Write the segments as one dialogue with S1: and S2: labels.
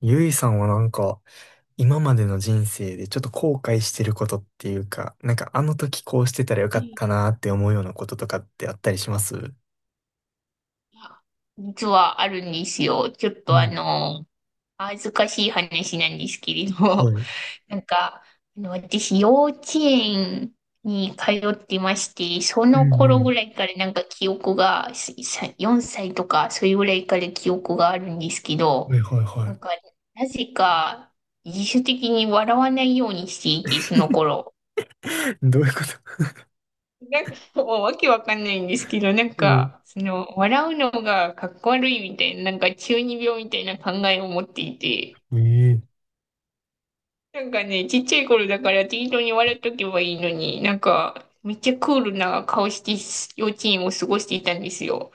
S1: ゆいさんは今までの人生でちょっと後悔してることっていうか、なんかあの時こうしてたらよ
S2: は
S1: かっ
S2: い
S1: たなーって思うようなこととかってあったりします
S2: や実はあるんですよ。ちょっと
S1: お、
S2: 恥ずかしい話なんですけれ
S1: は
S2: ど、
S1: い。
S2: なんか、私、幼稚園に通ってまして、そ
S1: う
S2: の
S1: ん
S2: 頃
S1: う
S2: ぐらいから記憶が、すさ4歳とか、それぐらいから記憶があるんですけ
S1: ん。
S2: ど、
S1: はいはいは
S2: な
S1: い。
S2: んか、なぜか、自主的に笑わないようにしていて、その 頃。
S1: どういうこと？
S2: もうわけわかんないんですけど、笑うのがかっこ悪いみたいな、中二病みたいな考えを持っていて、
S1: うん。え
S2: なんかね、ちっちゃい頃だから適当に笑っとけばいいのに、めっちゃクールな顔して幼稚園を過ごしていたんですよ。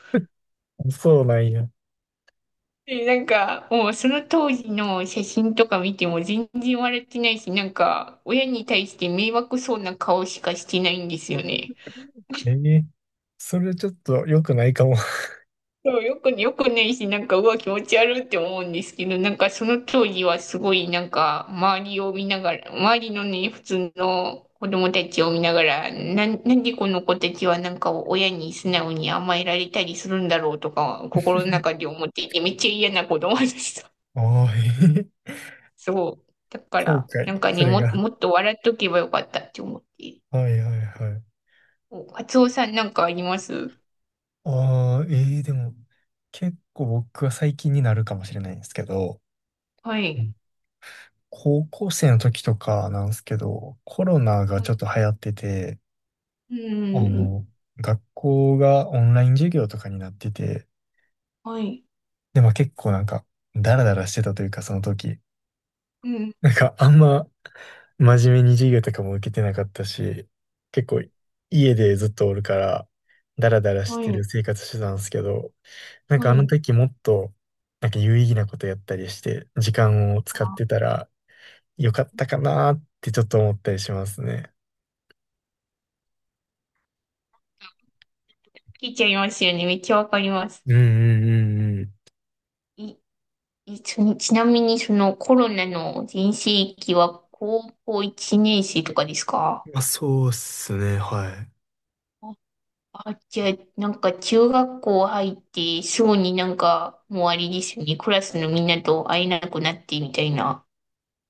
S1: え、そうなんや。
S2: で、もうその当時の写真とか見ても全然笑ってないし、親に対して迷惑そうな顔しかしてないんですよね。
S1: ええ、それちょっと良くないかも。
S2: そう、よくねいし、うわ、気持ち悪いって思うんですけど、その当時はすごい、周りを見ながら、周りのね、普通の子供たちを見ながら、なんでこの子たちは、親に素直に甘えられたりするんだろうとか、心の中で思っていて、めっちゃ嫌な子供でした。
S1: ああ、ええ。
S2: そう。だか
S1: 後
S2: ら、なん
S1: 悔、
S2: か
S1: そ
S2: ね、
S1: れが。
S2: もっと笑っとけばよかったって思って。
S1: はいはいはい。
S2: お、カツオさんなんかあります？
S1: ああ、ええ、でも、結構僕は最近になるかもしれないんですけど、
S2: はい。
S1: 高校生の時とかなんですけど、コロナが
S2: は
S1: ちょっ
S2: い。
S1: と流行ってて、
S2: う
S1: あ
S2: ん。
S1: の、学校がオンライン授業とかになってて、
S2: はい。
S1: で、まあ結構なんか、ダラダラしてたというか、その時。
S2: うん。
S1: あんま真面目に授業とかも受けてなかったし、結構家でずっとおるから、ダラダラし
S2: は
S1: て
S2: い。
S1: る生活してたんですけど、なん
S2: は
S1: かあの
S2: い。
S1: 時もっと、なんか有意義なことやったりして、時間を使って
S2: あ、
S1: たらよかったかなーってちょっと思ったりしますね。
S2: 聞いちゃいますよね。めっちゃわかります。
S1: うんうんうんうん。
S2: い、い、ちなちなみにそのコロナの全盛期は高校1年生とかですか？
S1: まあ、そうっすね、はい。
S2: あ、あじゃあ、なんか中学校入ってすぐになんかもうあれですよね。クラスのみんなと会えなくなってみたいな。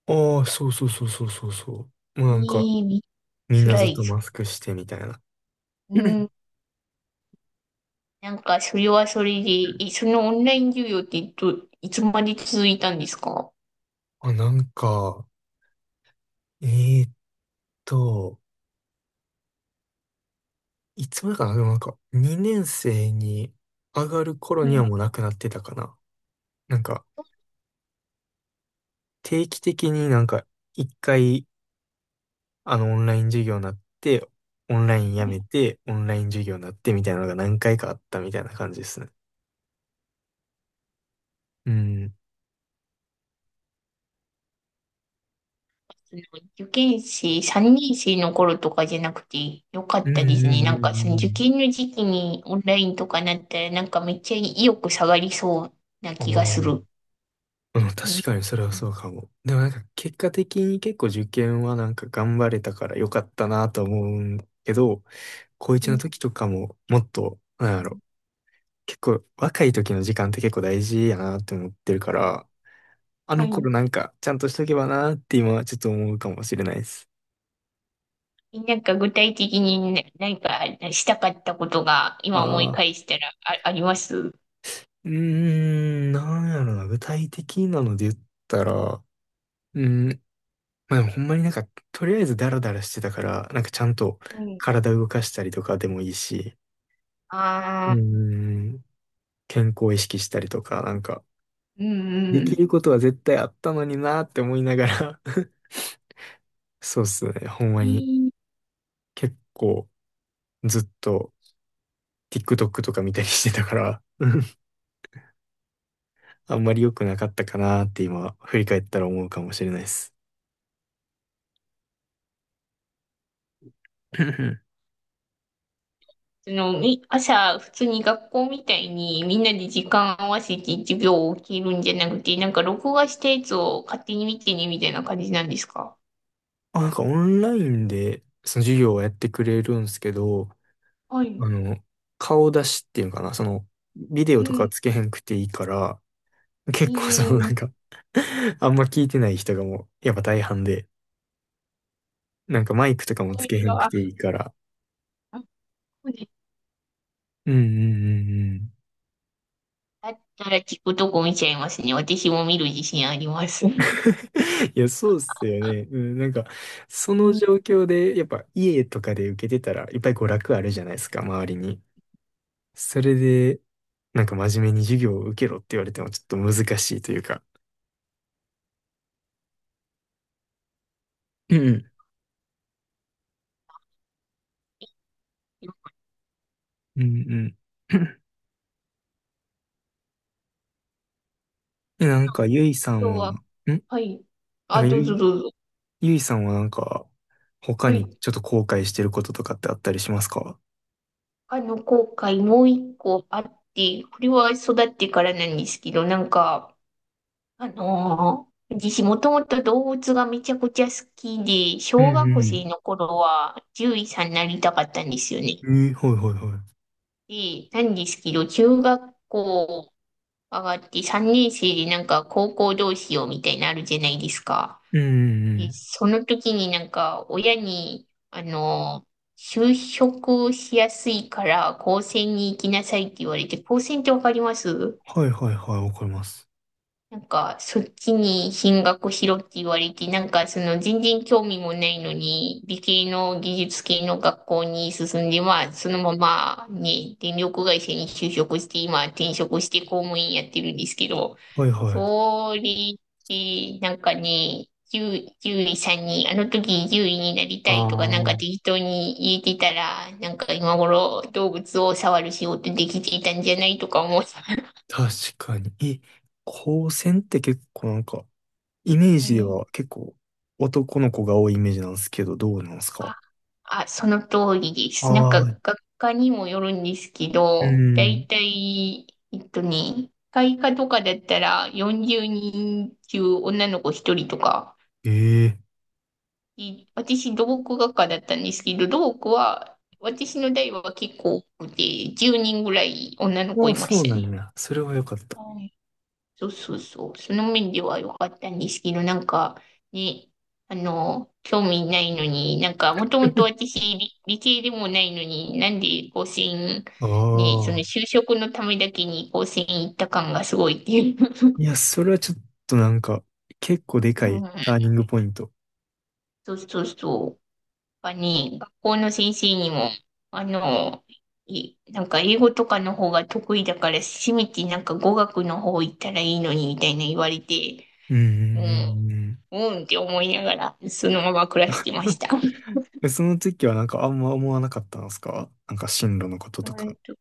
S1: ああ、そうそうそうそうそうそう。も
S2: え
S1: うなんか、
S2: え、めっ
S1: みん
S2: ちゃ
S1: な
S2: 辛
S1: ずっ
S2: い
S1: と
S2: です。
S1: マスクしてみたいな。
S2: う ん。なんかそれはそれで、そのオンライン授業っていつまで続いたんですか？は
S1: あ、えーっと、いつまでかな、でもなんか、2年生に上がる頃には
S2: い
S1: もうなくなってたかな。なんか、定期的に一回、オンライン授業になって、オンライン
S2: は
S1: やめ
S2: い。
S1: て、オンライン授業になってみたいなのが何回かあったみたいな感じですね。うん。
S2: 受験生、3年生の頃とかじゃなくてよか
S1: う
S2: っ
S1: んう
S2: たで
S1: ん
S2: す
S1: う
S2: ね。
S1: んう
S2: なんかその
S1: んう
S2: 受
S1: ん。
S2: 験の時期にオンラインとかなったらなんかめっちゃ意欲下がりそうな
S1: あ
S2: 気が
S1: あ、う
S2: す
S1: ん、
S2: る。う
S1: 確
S2: ん
S1: かにそれはそうかも。でもなんか結果的に結構受験はなんか頑張れたから良かったなと思うんけど、高
S2: う
S1: 1の
S2: ん。
S1: 時とかももっと、なんやろ、結構若い時の時間って結構大事やなって思ってるから、あ
S2: は
S1: の頃
S2: い。
S1: なんかちゃんとしとけばなって今はちょっと思うかもしれないです。
S2: なんか具体的に何かしたかったことが今思
S1: あ
S2: い
S1: あ、
S2: 返したらあ、あります？
S1: うーん、なんやろな、具体的なので言ったら、うん、まあでもほんまになんか、とりあえずダラダラしてたから、なんかちゃんと
S2: はい。
S1: 体動かしたりとかでもいいし、うー
S2: ああ、
S1: ん、健康意識したりとか、なんか、
S2: うん
S1: で
S2: う
S1: き
S2: ん。
S1: ることは絶対あったのになって思いながら、 そうっすね、ほんまに結構ずっと TikTok とか見たりしてたから、うん、あんまり良くなかったかなって今、振り返ったら思うかもしれないです。うんうん。
S2: その、朝、普通に学校みたいにみんなで時間合わせて授業を受けるんじゃなくて、なんか録画したやつを勝手に見てね、みたいな感じなんですか？
S1: あ、なんかオンラインでその授業をやってくれるんですけど、
S2: はい。
S1: あの、顔出しっていうのかな、その、ビデオ
S2: う
S1: とか
S2: ん、
S1: つけへんくていいから、
S2: い
S1: 結構そのなん
S2: い。
S1: か、 あんま聞いてない人がもう、やっぱ大半で、なんかマイクとかも
S2: そう
S1: つ
S2: い
S1: けへ
S2: う
S1: ん
S2: の
S1: く
S2: は、
S1: ていいから。
S2: あそうです。
S1: うんうんうんうん。
S2: だったら聞くとこ見ちゃいますね。私も見る自信あります。う
S1: いや、そうっすよね。うん、なんか、その
S2: ん。
S1: 状況で、やっぱ家とかで受けてたら、いっぱい娯楽あるじ
S2: 今
S1: ゃないですか、周りに。それで、なんか真面目に授業を受けろって言われてもちょっと難しいというか。うんうん。うんうん。え、なんか、ゆいさ
S2: 日
S1: んは、ん
S2: は、
S1: なん
S2: はい。あ、
S1: か
S2: どうぞどうぞ。
S1: ゆいさんは他
S2: は
S1: に
S2: い。
S1: ちょっと後悔してることとかってあったりしますか？
S2: あの、後悔もう一個あって、これは育ってからなんですけど、なんか、あのー私もともと動物がめちゃくちゃ好きで、
S1: う
S2: 小学生
S1: ん
S2: の頃は獣医さんになりたかったんですよね。
S1: うん。えー、はいはいは
S2: で、なんですけど、中学校上がって3年生でなんか高校どうしようみたいになるじゃないですか。
S1: い。うんうんう
S2: で、
S1: ん。
S2: その時になんか親に、あのー就職しやすいから高専に行きなさいって言われて、高専ってわかります？
S1: はいはいはい、わかります。
S2: なんか、そっちに進学しろって言われて、全然興味もないのに、理系の技術系の学校に進んで、まあ、そのまま、ね、電力会社に就職して、今、転職して公務員やってるんですけど、
S1: はいはい。
S2: それで、なんかね、10、獣さんに、あの時獣医になり
S1: あ
S2: たいとか、なんか
S1: あ。
S2: 適当に言えてたら、なんか今頃動物を触る仕事できていたんじゃないとか思う。
S1: 確かに。え、高専って結構なんか、イメー
S2: は
S1: ジで
S2: い。
S1: は結構男の子が多いイメージなんですけど、どうなんですか？
S2: あ、その通りで
S1: あ
S2: す。なん
S1: あ
S2: か、
S1: ー、
S2: 学科にもよるんですけ
S1: う
S2: ど、だい
S1: ん。
S2: たい、えっとね、会科とかだったら40人中女の子1人とか、
S1: ええ
S2: い私、土木学科だったんですけど、土木は、私の代は結構多くて、10人ぐらい女の
S1: ー。
S2: 子
S1: ああ、
S2: いま
S1: そ
S2: し
S1: う
S2: た
S1: な
S2: ね。
S1: んや。それはよかった。
S2: そうそうそう。その面では良かったんですけど、なんか、ね、あの、興味ないのに、なんか、もともと 私理系でもないのに、なんで甲子園、
S1: あ
S2: ね、その
S1: あ。
S2: 就職のためだけに甲子園行った感がすごいっていう。
S1: い や、それはちょっとなんか、結構で
S2: う
S1: かい
S2: ん、
S1: ターニングポイント。
S2: そうそうそう。やっぱね、学校の先生にも、あの、いなんか英語とかの方が得意だから、せめてなんか語学の方行ったらいいのに、みたいな言われて、
S1: うんう
S2: うん
S1: んうん
S2: うんって思いながら、そのまま暮らしてま
S1: う
S2: し
S1: ん。
S2: た。
S1: え、その時はなんかあんま思わなかったんですか、なんか進路のことと
S2: う
S1: か。
S2: んと、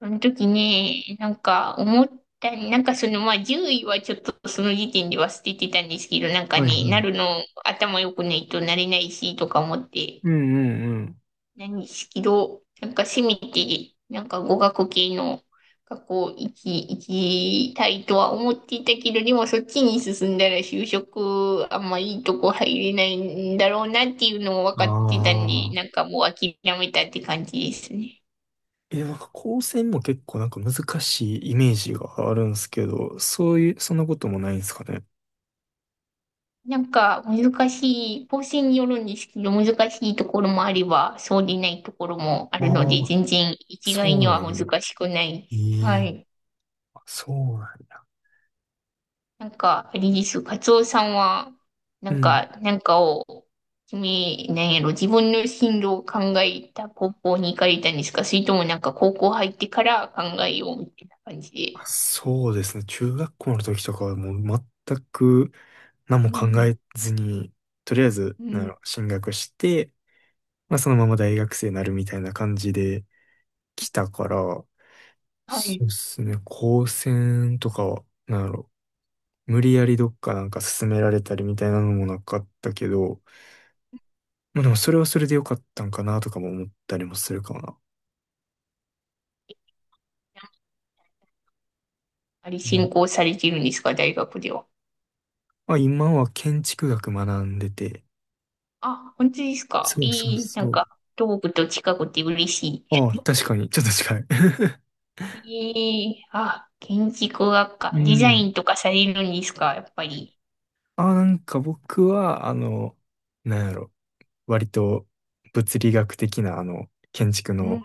S2: その時ね、なんか思った、なんかそのまあ獣医はちょっとその時点では捨ててたんですけど、なんか
S1: はいはい。
S2: ね、
S1: う
S2: な
S1: ん
S2: るの頭良くないとなれないしとか思って、
S1: うんうん。
S2: 何しけなんかせめて、なんか語学系の学校行き、行きたいとは思っていたけど、でもそっちに進んだら就職あんまいいとこ入れないんだろうなっていうのも分
S1: あ
S2: かってたんで、なん
S1: あ。
S2: かもう諦めたって感じですね。
S1: え、なんか高専も結構なんか難しいイメージがあるんですけど、そういう、そんなこともないんですかね。
S2: なんか難しい、構成によるんですけど、難しいところもあれば、そうでないところもあ
S1: あ
S2: るので、
S1: あ、
S2: 全然一概
S1: そう
S2: に
S1: なん
S2: は
S1: や
S2: 難
S1: ね。
S2: しくないです。
S1: え
S2: は
S1: え、
S2: い。
S1: そうなんや。
S2: なんか、あれです。カツオさんは、な
S1: う
S2: ん
S1: ん。
S2: か、なんかを、君、なんやろ、自分の進路を考えた高校に行かれたんですか？それともなんか高校入ってから考えようみたいな感じ
S1: あ、
S2: で。
S1: そうですね。中学校の時とかはもう全く何
S2: う
S1: も考
S2: ん。
S1: えずに、とりあえず、
S2: う
S1: なんや
S2: ん。
S1: ろ進学して、まあそのまま大学生になるみたいな感じで来たから、
S2: はい。
S1: そうですね。高専とかは、なんやろ無理やりどっかなんか勧められたりみたいなのもなかったけど、まあでもそれはそれでよかったんかなとかも思ったりもするかもな。
S2: あれ、
S1: う
S2: 進
S1: ん。
S2: 行されてるんですか大学では？
S1: まあ今は建築学学んでて、
S2: あ、本当ですか？
S1: そうそう
S2: いい。な
S1: そ
S2: ん
S1: う。
S2: か、東部と近くて嬉し
S1: ああ、確かに、ちょっと近い。
S2: い。いい。あ、建築学
S1: う
S2: 科。デザイ
S1: ん。
S2: ンとかされるんですかやっぱり？
S1: あ、なんか僕は、なんやろ、割と物理学的な、あの、建築
S2: う
S1: の、
S2: ん。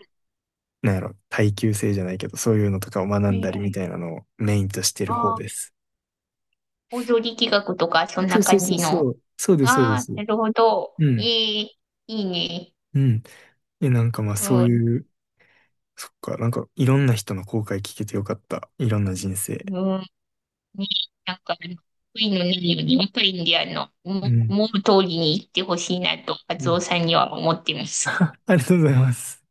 S1: なんやろ、耐久性じゃないけど、そういうのとかを学
S2: は
S1: ん
S2: い
S1: だり
S2: は
S1: み
S2: い。
S1: たいなのをメインとしてる方
S2: あ、
S1: です。
S2: 大料力企画とか、そん
S1: そう
S2: な
S1: そう
S2: 感
S1: そう
S2: じ
S1: そ
S2: の。
S1: う。そうです、そうで
S2: あ
S1: す。
S2: あ、なるほど。
S1: う
S2: え
S1: ん。
S2: え、いいね。
S1: うん。え、なんかまあ
S2: う
S1: そう
S2: ん、
S1: いう、そっか、なんかいろんな人の後悔聞けてよかった。いろんな人生。
S2: うん、ね、なんか、悔いのないように、若いんで、あの、思
S1: う
S2: う
S1: ん。
S2: 思う通りに行ってほしいなと、カ
S1: う
S2: ツ
S1: ん。
S2: オさんには思ってます。
S1: ありがとうございます。